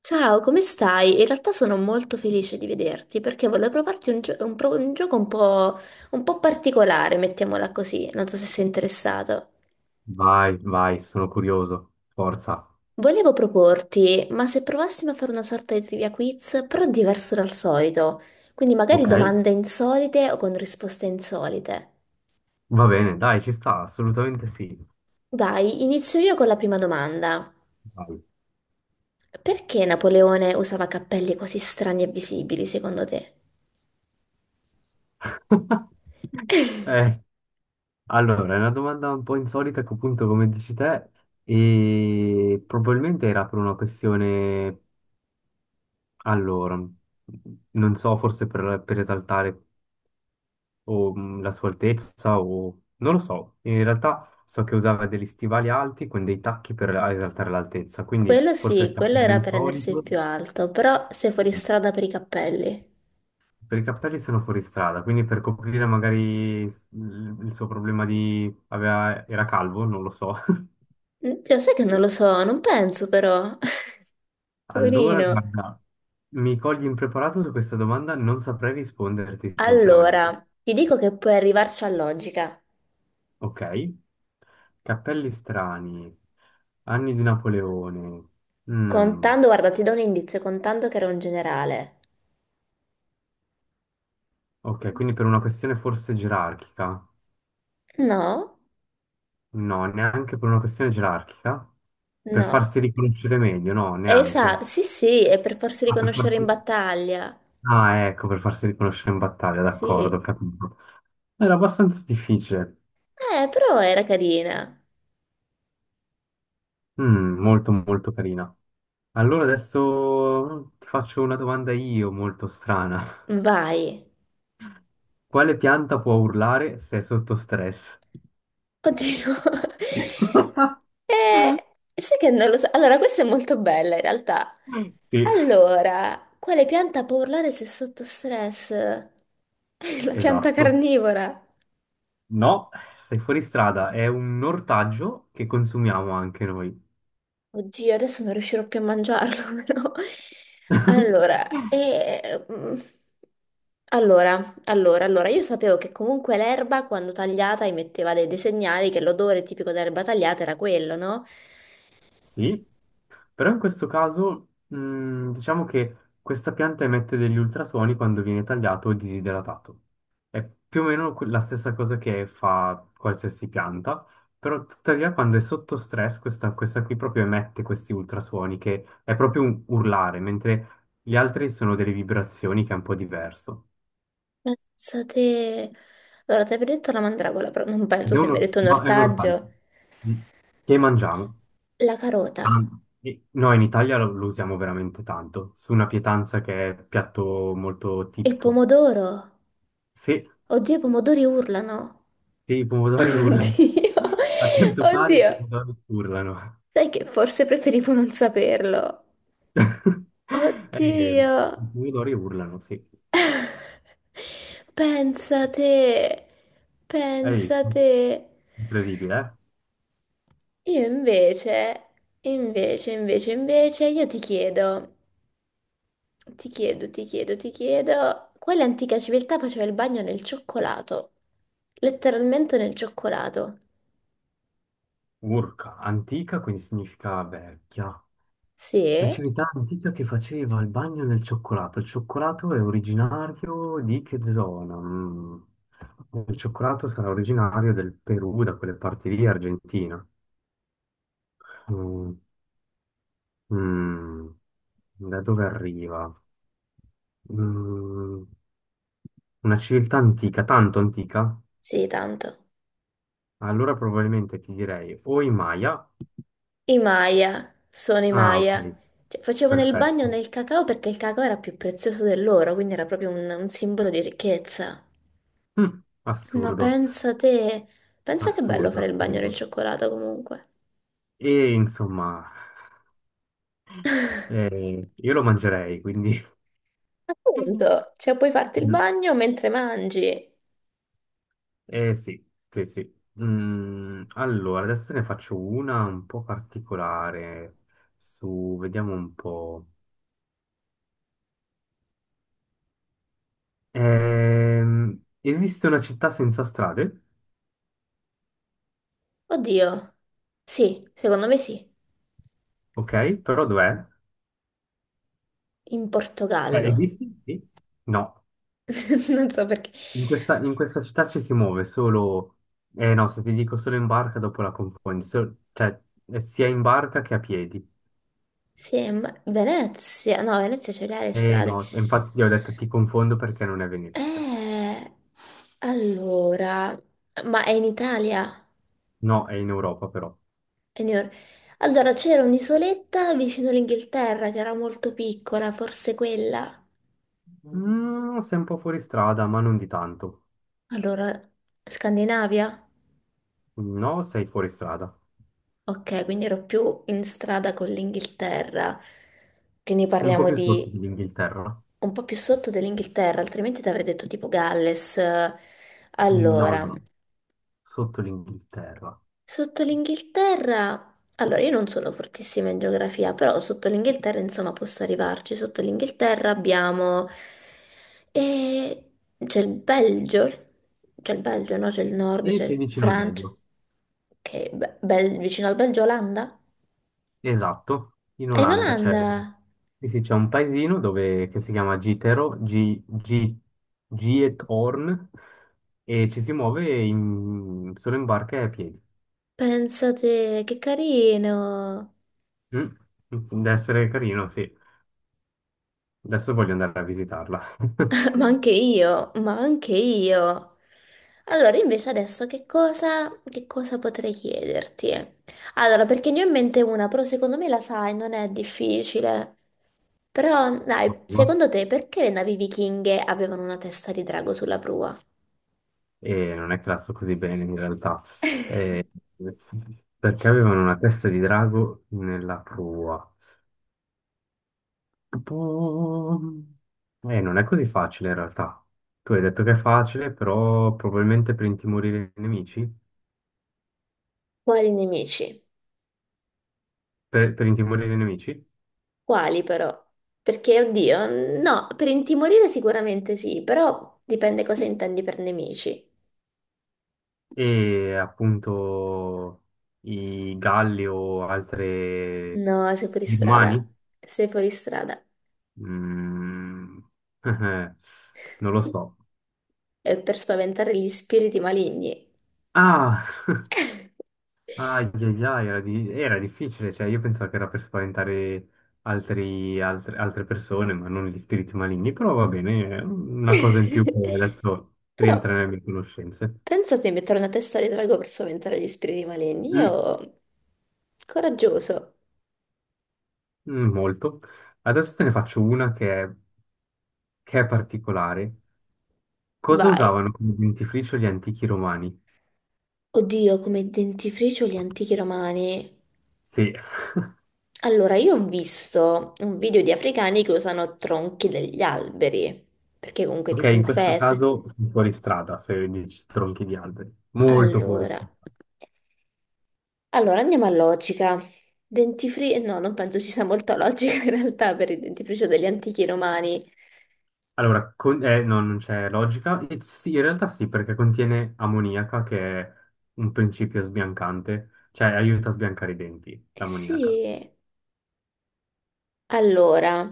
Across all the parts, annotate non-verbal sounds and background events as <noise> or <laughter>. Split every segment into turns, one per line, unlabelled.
Ciao, come stai? In realtà sono molto felice di vederti perché volevo provarti un gioco un po' particolare, mettiamola così, non so se sei interessato.
Vai, vai, sono curioso. Forza.
Volevo proporti, ma se provassimo a fare una sorta di trivia quiz, però diverso dal solito, quindi magari
Ok?
domande insolite o con risposte insolite.
Va bene, dai, ci sta, assolutamente sì.
Vai, inizio io con la prima domanda.
Vai.
Perché Napoleone usava cappelli così strani e visibili, secondo te?
<laughs> Eh, allora, è una domanda un po' insolita che appunto, come dici te, e probabilmente era per una questione, allora, non so, forse per esaltare la sua altezza o... non lo so. In realtà so che usava degli stivali alti con dei tacchi per esaltare l'altezza, quindi
Quello
forse il
sì, quello
cappello
era per rendersi il
insolito.
più alto, però sei fuori strada per i cappelli.
Per i cappelli sono fuori strada, quindi per coprire magari il suo problema di... era calvo, non lo so. <laughs>
Mm, cioè, sai che non lo so, non penso però. <laughs>
Allora,
Poverino.
guarda, mi cogli impreparato su questa domanda, non saprei risponderti sinceramente.
Allora, ti dico che puoi arrivarci a logica.
Ok? Cappelli strani, anni di Napoleone. Mm,
Contando, guarda, ti do un indizio, contando che era un generale.
ok, quindi per una questione forse gerarchica?
No,
No, neanche per una questione gerarchica. Per
no.
farsi riconoscere meglio, no,
Esatto,
neanche.
sì, sì, è per farsi
Ah, per
riconoscere in
farsi-
battaglia.
Ah, ecco, per farsi riconoscere in battaglia, d'accordo, ho
Sì.
capito. Era abbastanza difficile.
Però era carina.
Mm, molto, molto carina. Allora adesso ti faccio una domanda io, molto strana.
Vai.
Quale pianta può urlare se è sotto stress?
Oddio. <laughs>
<laughs>
Eh, Sai che non lo so. Allora, questa è molto bella in realtà.
Sì,
Allora, quale pianta può urlare se è sotto stress? <laughs> La pianta
esatto.
carnivora.
No, sei fuori strada, è un ortaggio che consumiamo anche noi.
Oddio, adesso non riuscirò più a mangiarlo, <laughs> però.
<laughs>
Allora, allora, io sapevo che comunque l'erba quando tagliata emetteva dei segnali che l'odore tipico dell'erba tagliata era quello, no?
Sì, però in questo caso diciamo che questa pianta emette degli ultrasuoni quando viene tagliato o disidratato. È più o meno la stessa cosa che fa qualsiasi pianta, però tuttavia quando è sotto stress questa qui proprio emette questi ultrasuoni che è proprio un urlare, mentre gli altri sono delle vibrazioni che è un po' diverso.
Pensa te. Allora, ti avevo detto la mandragola, però non penso
Ed è
se mi hai detto un
no, è un ortaggio
ortaggio.
mm, che mangiamo.
La carota,
Tanto. No, in Italia lo usiamo veramente tanto, su una pietanza che è piatto molto
il
tipico.
pomodoro.
Sì,
Oddio, i pomodori urlano.
sì, i
<laughs>
pomodori urlano.
Oddio,
<laughs> A quanto pare i
oddio.
pomodori urlano.
Sai che forse preferivo non saperlo.
<laughs> Eh,
Oddio.
i pomodori urlano, sì.
Pensa te,
Hai
pensa
visto?
te.
Incredibile, eh?
Io invece, io ti chiedo. Ti chiedo, quale antica civiltà faceva il bagno nel cioccolato? Letteralmente nel cioccolato.
Urca, antica, quindi significa vecchia. La
Sì,
civiltà antica che faceva il bagno nel cioccolato. Il cioccolato è originario di che zona? Mm. Il cioccolato sarà originario del Perù, da quelle parti lì, Argentina. Mm. Mm. Da dove arriva? Mm. Una civiltà antica, tanto antica?
sì, tanto.
Allora probabilmente ti direi o i Maya.
I Maya, sono i
Ah,
Maya.
ok,
Cioè, facevano il bagno
perfetto.
nel cacao perché il cacao era più prezioso dell'oro, quindi era proprio un simbolo di ricchezza.
Mm.
Ma
Assurdo,
pensa te, pensa che bello
assurdo,
fare il bagno nel
assurdo.
cioccolato comunque.
E insomma. Io lo mangerei, quindi... <laughs>
Appunto, cioè puoi farti il
Mm,
bagno mentre mangi.
eh sì, sì, sì. Allora, adesso ne faccio una un po' particolare. Su, vediamo un po'. Esiste una città senza strade,
Oddio. Sì, secondo me sì.
ok? Però dov'è?
In
Cioè,
Portogallo.
esiste? Sì. No.
<laughs> Non so perché.
In in questa città ci si muove solo... Eh no, se ti dico solo in barca, dopo la confondi. Cioè, sia in barca che a piedi.
Sì, ma Venezia, no, Venezia ce le ha le
Eh
strade.
no, infatti io ho detto ti confondo perché non è Venezia.
Eh, allora, ma è in Italia?
No, è in Europa però.
È in Eur- Allora, c'era un'isoletta vicino all'Inghilterra che era molto piccola, forse quella.
Mm, sei un po' fuori strada, ma non di tanto.
Allora, Scandinavia?
No, sei fuori strada.
Ok, quindi ero più in strada con l'Inghilterra, quindi
Un po'
parliamo
più sotto
di
dell'Inghilterra.
un po' più sotto dell'Inghilterra, altrimenti ti avrei detto tipo Galles.
No, no,
Allora,
no. Sotto l'Inghilterra.
sotto l'Inghilterra, allora io non sono fortissima in geografia, però sotto l'Inghilterra insomma posso arrivarci. Sotto l'Inghilterra abbiamo. E c'è il Belgio, c'è il Belgio, no? C'è il nord,
E sei
c'è
vicino al
Francia,
Belgio.
che è vicino al Belgio, Olanda.
Esatto. In
Ah, in
Olanda c'è
Olanda?
sì, sì, c'è un paesino dove, che si chiama Gitero, G, G, Giethoorn, e ci si muove solo in barca e a piedi.
Pensate, che carino!
Mm, deve essere carino, sì. Adesso voglio andare a visitarla.
<laughs> Ma anche io. Allora, invece adesso che cosa potrei chiederti? Allora, perché ne ho in mente una, però secondo me la sai, non è difficile. Però, dai,
<laughs>
secondo te perché le navi vichinghe avevano una testa di drago sulla prua?
E non è classo così bene in realtà, eh, perché avevano una testa di drago nella prua. Tipo, non è così facile in realtà. Tu hai detto che è facile, però probabilmente per intimorire i nemici,
Quali nemici?
per intimorire i nemici
Quali però? Perché, oddio, no, per intimorire sicuramente sì, però dipende cosa intendi per nemici.
e appunto i galli o altre
No, sei fuori
gli
strada,
umani?
sei fuori strada.
Mm, <laughs> non lo so.
È per spaventare gli spiriti maligni.
Ah, ai, ai, ai, era difficile, cioè io pensavo che era per spaventare altre persone, ma non gli spiriti maligni, però va bene, è una cosa in più che
<laughs>
adesso
Però
rientra nelle mie conoscenze.
pensate di mettere una testa di drago per spaventare gli spiriti maligni.
Mm,
Io, coraggioso,
mm, molto. Adesso te ne faccio una che è particolare. Cosa
vai.
usavano come dentifricio gli antichi romani?
Oddio, come dentifricio gli antichi romani.
Sì,
Allora, io ho visto un video di africani che usano tronchi degli alberi, perché comunque
ok, in questo
disinfetta.
caso sono fuori strada, se dici tronchi di alberi, molto fuori
Allora,
strada.
allora andiamo a logica. Dentifricio, no, non penso ci sia molta logica in realtà per il dentifricio degli antichi romani.
Allora, no, non c'è logica. E sì, in realtà sì, perché contiene ammoniaca, che è un principio sbiancante, cioè aiuta a sbiancare i denti,
Eh
l'ammoniaca.
sì, allora,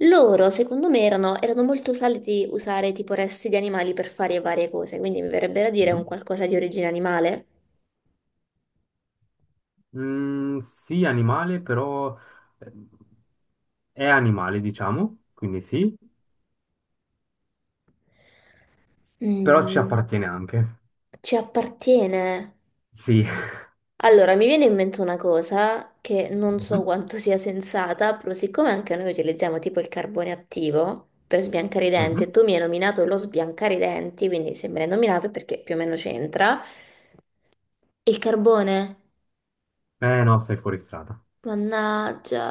loro secondo me erano molto usati usare tipo resti di animali per fare varie cose, quindi mi verrebbe da dire
Mhm.
un qualcosa di origine animale.
Mm, sì, animale, però eh, è animale, diciamo, quindi sì, però ci
Mm,
appartiene anche. <laughs>
ci appartiene.
Sì.
Allora, mi viene in mente una cosa che non so
Mhm,
quanto sia sensata, però siccome anche noi utilizziamo tipo il carbone attivo per sbiancare i denti, e
mhm.
tu mi hai nominato lo sbiancare i denti, quindi se me l'hai nominato è perché più o meno c'entra, il carbone,
Eh no, sei fuori strada.
mannaggia,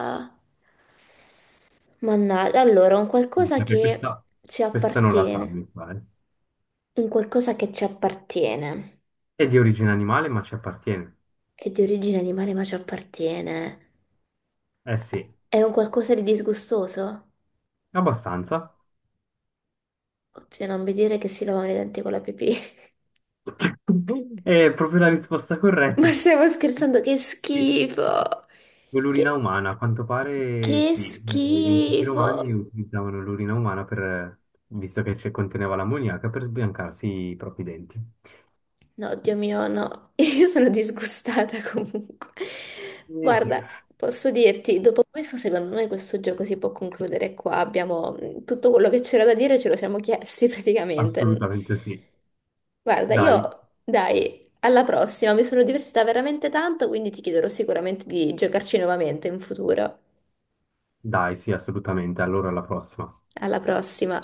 mannaggia, allora,
Perché questa,
ci
questa non la sa,
appartiene,
mi pare.
un qualcosa che ci appartiene,
È di origine animale, ma ci appartiene.
è di origine animale ma ci appartiene,
Eh sì,
è un qualcosa di disgustoso?
abbastanza.
Oddio, non mi dire che si lavano i denti con la pipì.
<laughs> È proprio la risposta
<laughs>
corretta.
Ma stiamo scherzando, che
Sì,
schifo!
l'urina
Che,
umana, a quanto pare
che
sì, gli antichi
schifo!
romani utilizzavano l'urina umana visto che ci conteneva l'ammoniaca, per sbiancarsi i propri denti.
No, Dio mio, no, <laughs> io sono disgustata <laughs> comunque.
Eh sì,
Guarda, posso dirti, dopo questo, secondo me questo gioco si può concludere qua. Abbiamo tutto quello che c'era da dire, ce lo siamo chiesti <laughs> praticamente.
assolutamente sì.
Guarda,
Dai,
io, dai, alla prossima, mi sono divertita veramente tanto, quindi ti chiederò sicuramente di giocarci nuovamente in futuro.
dai, sì, assolutamente. Allora alla prossima.
Alla prossima.